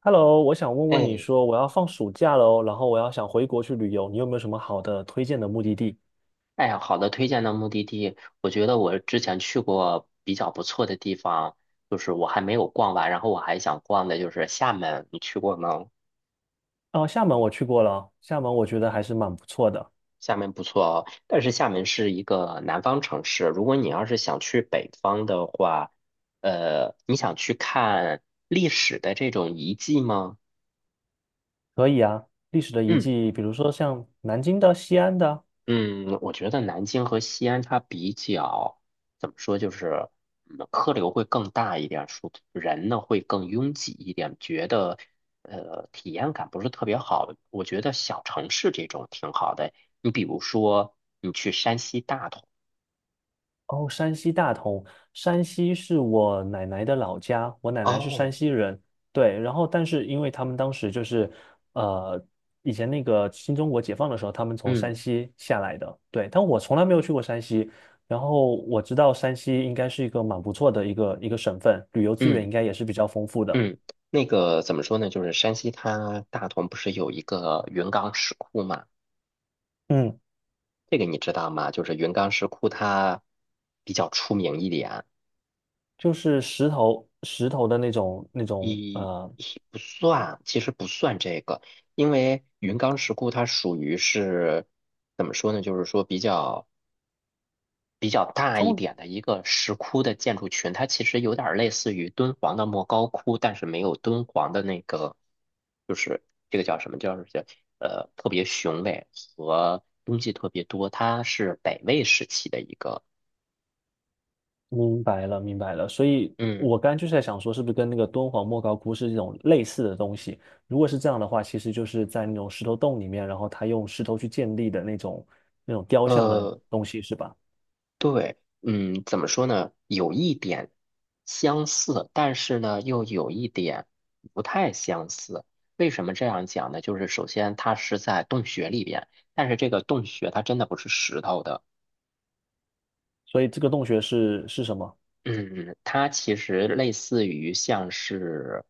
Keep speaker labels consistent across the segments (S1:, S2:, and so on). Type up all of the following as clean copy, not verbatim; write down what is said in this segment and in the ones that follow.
S1: Hello，我想问你
S2: 哎，
S1: 说我要放暑假喽，然后我要想回国去旅游，你有没有什么好的推荐的目的地？
S2: 哎呀，好的，推荐的目的地。我觉得我之前去过比较不错的地方，就是我还没有逛完，然后我还想逛的就是厦门，你去过吗？
S1: 哦，厦门我去过了，厦门我觉得还是蛮不错的。
S2: 厦门不错哦。但是厦门是一个南方城市，如果你要是想去北方的话，你想去看历史的这种遗迹吗？
S1: 可以啊，历史的遗
S2: 嗯。
S1: 迹，比如说像南京的、西安的。
S2: 嗯，我觉得南京和西安它比较怎么说，就是客流会更大一点，说人呢会更拥挤一点，觉得体验感不是特别好。我觉得小城市这种挺好的，你比如说你去山西大同。
S1: 哦，山西大同，山西是我奶奶的老家，我奶奶是山
S2: 哦，
S1: 西人。对，然后但是因为他们当时呃，以前那个新中国解放的时候，他们从山
S2: 嗯
S1: 西下来的。对，但我从来没有去过山西，然后我知道山西应该是一个蛮不错的一个省份，旅游资源
S2: 嗯
S1: 应该也是比较丰富的。
S2: 嗯，那个怎么说呢，就是山西它大同不是有一个云冈石窟嘛，
S1: 嗯，
S2: 这个你知道吗？就是云冈石窟它比较出名一点。
S1: 就是石头的那种那种
S2: 一
S1: 呃。
S2: 一不算，其实不算这个，因为云冈石窟它属于是怎么说呢？就是说比较大一
S1: 中
S2: 点的一个石窟的建筑群，它其实有点儿类似于敦煌的莫高窟，但是没有敦煌的那个，就是这个叫什么叫特别雄伟和东西特别多，它是北魏时期的一个。
S1: 明白了，明白了。所以
S2: 嗯。
S1: 我刚刚就是在想说，是不是跟那个敦煌莫高窟是这种类似的东西？如果是这样的话，其实就是在那种石头洞里面，然后他用石头去建立的那种雕像的
S2: 呃。
S1: 东西，是吧？
S2: 对，怎么说呢？有一点相似，但是呢，又有一点不太相似。为什么这样讲呢？就是首先它是在洞穴里边，但是这个洞穴它真的不是石头的。
S1: 所以这个洞穴是什么？
S2: 嗯，它其实类似于像是，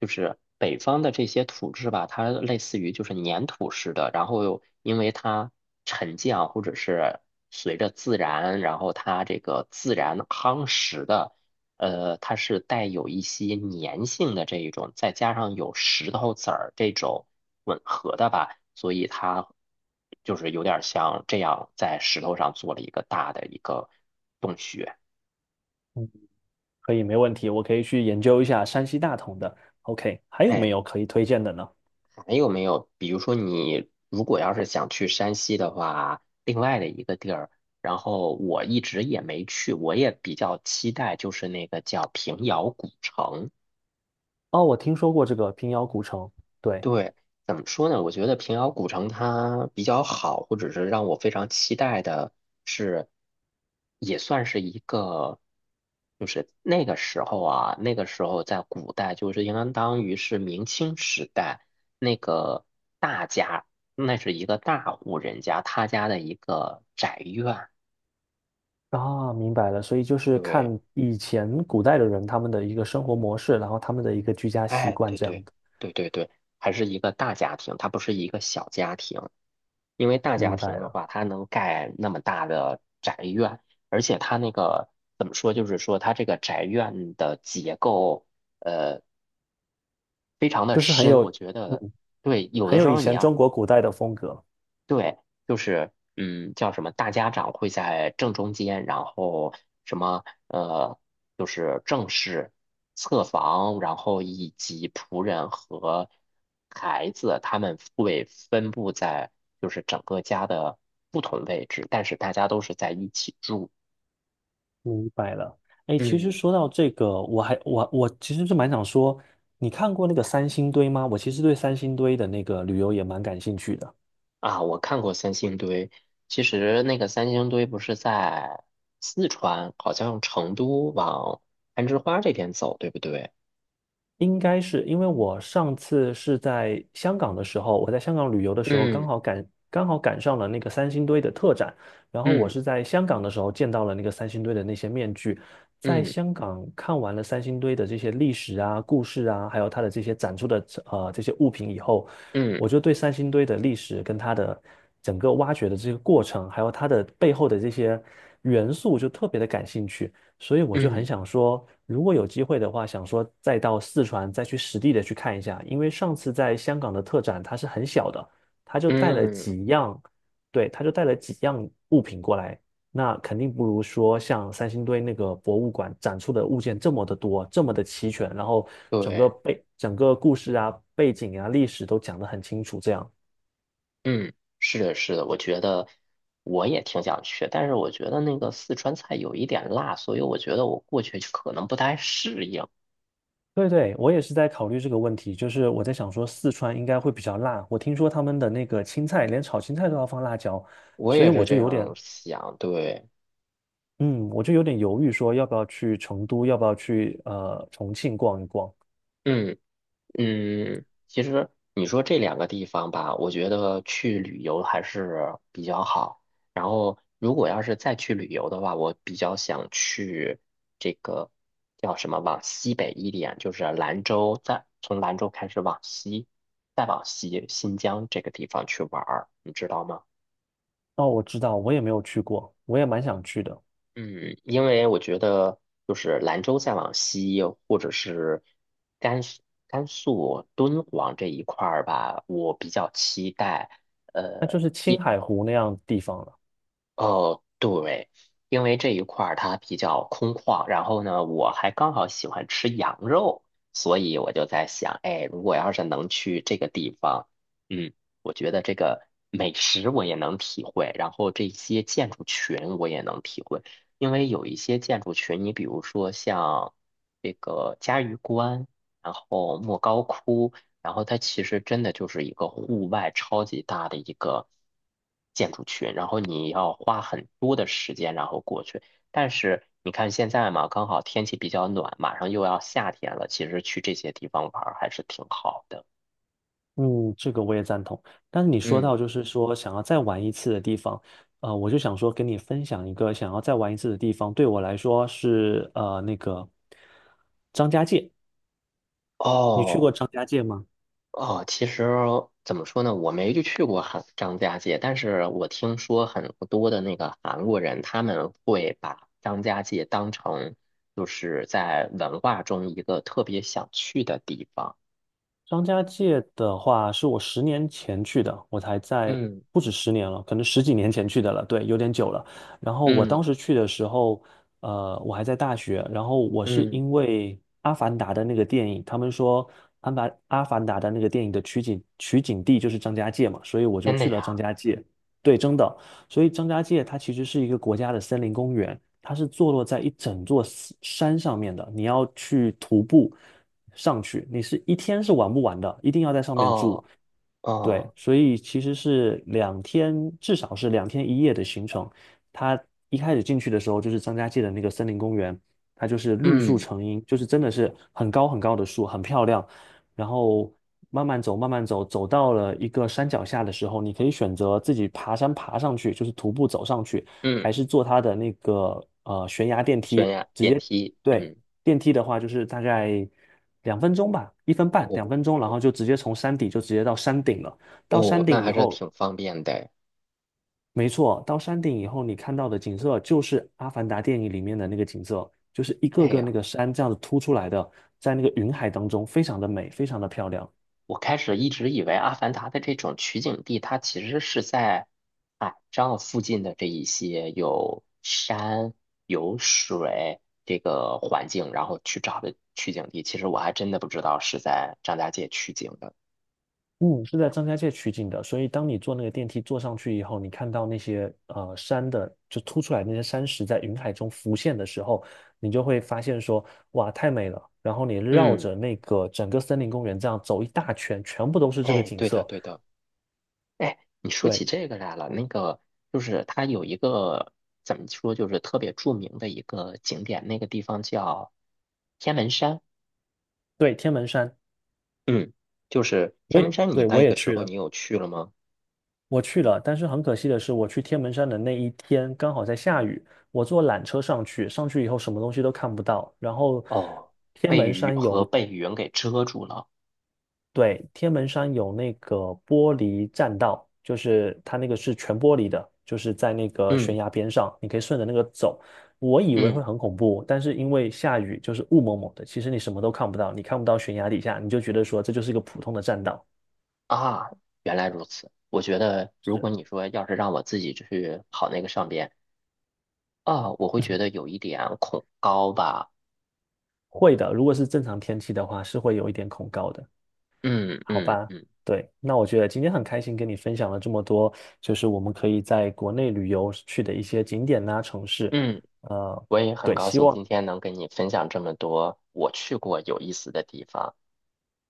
S2: 就是北方的这些土质吧，它类似于就是粘土似的，然后因为它沉降或者是随着自然，然后它这个自然夯实的，它是带有一些粘性的这一种，再加上有石头子儿这种吻合的吧，所以它就是有点像这样在石头上做了一个大的一个洞穴。
S1: 嗯，可以，没问题，我可以去研究一下山西大同的。OK，还有没
S2: 哎，
S1: 有可以推荐的呢？
S2: 没有没有？比如说，你如果要是想去山西的话，另外的一个地儿，然后我一直也没去，我也比较期待，就是那个叫平遥古城。
S1: 哦，我听说过这个平遥古城，对。
S2: 对，怎么说呢？我觉得平遥古城它比较好，或者是让我非常期待的是，也算是一个，就是那个时候啊，那个时候在古代，就是应当于是明清时代那个大家，那是一个大户人家，他家的一个宅院。
S1: 啊，明白了，所以就是看
S2: 对，
S1: 以前古代的人他们的一个生活模式，然后他们的一个居家习
S2: 哎，
S1: 惯
S2: 对
S1: 这样
S2: 对
S1: 的。
S2: 对对对，还是一个大家庭，它不是一个小家庭。因为大家
S1: 明
S2: 庭
S1: 白
S2: 的
S1: 了，
S2: 话，它能盖那么大的宅院，而且它那个怎么说，就是说它这个宅院的结构，呃，非常的
S1: 就是很
S2: 深。
S1: 有，
S2: 我觉得，
S1: 嗯，
S2: 对，有
S1: 很
S2: 的时
S1: 有以
S2: 候你
S1: 前
S2: 要
S1: 中国古代的风格。
S2: 对，就是叫什么？大家长会在正中间，然后什么就是正室、侧房，然后以及仆人和孩子，他们会分布在就是整个家的不同位置，但是大家都是在一起住。
S1: 明白了。哎，其实
S2: 嗯
S1: 说到这个，我还我我其实是蛮想说，你看过那个三星堆吗？我其实对三星堆的那个旅游也蛮感兴趣的。
S2: 啊，我看过三星堆，其实那个三星堆不是在四川，好像成都往攀枝花这边走，对不对？
S1: 应该是因为我上次是在香港的时候，我在香港旅游的时候，刚
S2: 嗯
S1: 好赶刚好赶上了那个三星堆的特展，然后我
S2: 嗯。
S1: 是在香港的时候见到了那个三星堆的那些面具。在
S2: 嗯
S1: 香港看完了三星堆的这些历史啊、故事啊，还有它的这些展出的这些物品以后，
S2: 嗯
S1: 我就对三星堆的历史跟它的整个挖掘的这个过程，还有它的背后的这些元素，就特别的感兴趣。所以我就很
S2: 嗯
S1: 想说，如果有机会的话，想说再到四川再去实地的去看一下。因为上次在香港的特展它是很小的，它就带了
S2: 嗯，
S1: 几样，对，他就带了几样物品过来，那肯定不如说像三星堆那个博物馆展出的物件这么的多，这么的齐全，然后
S2: 对，
S1: 整个故事啊、背景啊、历史都讲得很清楚，这样。
S2: 嗯，是的，是的，我觉得我也挺想去，但是我觉得那个四川菜有一点辣，所以我觉得我过去可能不太适应。
S1: 对对，我也是在考虑这个问题，就是我在想说四川应该会比较辣，我听说他们的那个青菜，连炒青菜都要放辣椒，
S2: 我
S1: 所以
S2: 也是
S1: 我
S2: 这
S1: 就有
S2: 样
S1: 点，
S2: 想，对，
S1: 嗯，我就有点犹豫说要不要去成都，要不要去重庆逛一逛。
S2: 嗯。其实你说这两个地方吧，我觉得去旅游还是比较好。然后，如果要是再去旅游的话，我比较想去这个叫什么，往西北一点，就是兰州，再从兰州开始往西，再往西新疆这个地方去玩儿，你知道吗？
S1: 哦，我知道，我也没有去过，我也蛮想去的，
S2: 嗯，因为我觉得就是兰州再往西，或者是甘肃敦煌这一块儿吧，我比较期待。
S1: 那就
S2: 呃。
S1: 是青海湖那样地方了。
S2: 哦，对，因为这一块儿它比较空旷，然后呢，我还刚好喜欢吃羊肉，所以我就在想，哎，如果要是能去这个地方，嗯，我觉得这个美食我也能体会，然后这些建筑群我也能体会，因为有一些建筑群，你比如说像这个嘉峪关，然后莫高窟。然后它其实真的就是一个户外超级大的一个建筑群，然后你要花很多的时间然后过去。但是你看现在嘛，刚好天气比较暖，马上又要夏天了，其实去这些地方玩儿还是挺好的。
S1: 嗯，这个我也赞同。但是你说
S2: 嗯，
S1: 到就是说想要再玩一次的地方，我就想说跟你分享一个想要再玩一次的地方，对我来说是那个张家界。你去
S2: 哦。
S1: 过张家界吗？
S2: 哦，其实怎么说呢，我没就去过韩张家界，但是我听说很多的那个韩国人，他们会把张家界当成就是在文化中一个特别想去的地方。
S1: 张家界的话，是我十年前去的，我才在
S2: 嗯
S1: 不止十年了，可能10几年前去的了，对，有点久了。然后我
S2: 嗯
S1: 当时去的时候，我还在大学，然后我是
S2: 嗯，
S1: 因为《阿凡达》的那个电影，他们说阿凡达的那个电影的取景地就是张家界嘛，所以我就
S2: 真的
S1: 去了
S2: 呀？
S1: 张家界。对，真的，所以张家界它其实是一个国家的森林公园，它是坐落在一整座山上面的，你要去徒步上去，你是一天是玩不完的，一定要在上面住。
S2: 哦
S1: 对，
S2: 哦，
S1: 所以其实是两天，至少是2天1夜的行程。它一开始进去的时候，就是张家界的那个森林公园，它就是绿树
S2: 嗯
S1: 成荫，就是真的是很高很高的树，很漂亮。然后慢慢走，慢慢走，走到了一个山脚下的时候，你可以选择自己爬山爬上去，就是徒步走上去，
S2: 嗯，
S1: 还是坐它的那个悬崖电
S2: 悬
S1: 梯，
S2: 崖
S1: 直
S2: 电
S1: 接。
S2: 梯，
S1: 对，
S2: 嗯，
S1: 电梯的话，就是大概两分钟吧，1分半，两
S2: 哦
S1: 分钟，然后就直接从山底就直接到山顶了。到
S2: 哦，
S1: 山
S2: 那
S1: 顶
S2: 还
S1: 以
S2: 是
S1: 后，
S2: 挺方便的。
S1: 没错，到山顶以后，你看到的景色就是《阿凡达》电影里面的那个景色，就是一个
S2: 哎
S1: 个那
S2: 呀。
S1: 个山这样子凸出来的，在那个云海当中，非常的美，非常的漂亮。
S2: 我开始一直以为《阿凡达》的这种取景地，它其实是在海上附近的这一些有山、有水这个环境，然后去找的取景地。其实我还真的不知道是在张家界取景的。
S1: 嗯，是在张家界取景的，所以当你坐那个电梯坐上去以后，你看到那些山的就凸出来那些山石在云海中浮现的时候，你就会发现说，哇，太美了。然后你绕
S2: 嗯，
S1: 着那个整个森林公园这样走一大圈，全部都是这个
S2: 哎，
S1: 景
S2: 对的，
S1: 色。
S2: 对的。哎，你说起
S1: 对
S2: 这个来了，那个就是它有一个怎么说，就是特别著名的一个景点，那个地方叫天门山。
S1: 对，天门山，
S2: 嗯，就是天门山，你
S1: 我
S2: 那
S1: 也
S2: 个时
S1: 去
S2: 候你
S1: 了，
S2: 有去了吗？
S1: 我去了，但是很可惜的是，我去天门山的那一天刚好在下雨，我坐缆车上去，上去以后什么东西都看不到，然后
S2: 哦，
S1: 天
S2: 被
S1: 门
S2: 雨
S1: 山
S2: 和
S1: 有
S2: 被云给遮住了。
S1: 对，天门山有那个玻璃栈道，就是它那个是全玻璃的，就是在那个
S2: 嗯
S1: 悬崖边上，你可以顺着那个走。我以为会
S2: 嗯
S1: 很恐怖，但是因为下雨，就是雾蒙蒙的，其实你什么都看不到，你看不到悬崖底下，你就觉得说这就是一个普通的栈道。
S2: 啊，原来如此。我觉得，如
S1: 是
S2: 果你说要是让我自己去跑那个上边啊，我会觉得有一点恐高吧。
S1: 会的，如果是正常天气的话，是会有一点恐高的，
S2: 嗯
S1: 好
S2: 嗯
S1: 吧？
S2: 嗯
S1: 对，那我觉得今天很开心跟你分享了这么多，就是我们可以在国内旅游去的一些景点呐、城市。
S2: 嗯，
S1: 呃，
S2: 我也很
S1: 对，
S2: 高
S1: 希
S2: 兴
S1: 望。
S2: 今天能跟你分享这么多我去过有意思的地方。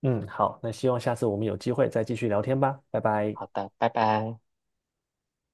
S1: 嗯，好，那希望下次我们有机会再继续聊天吧，拜拜。
S2: 好的，拜拜。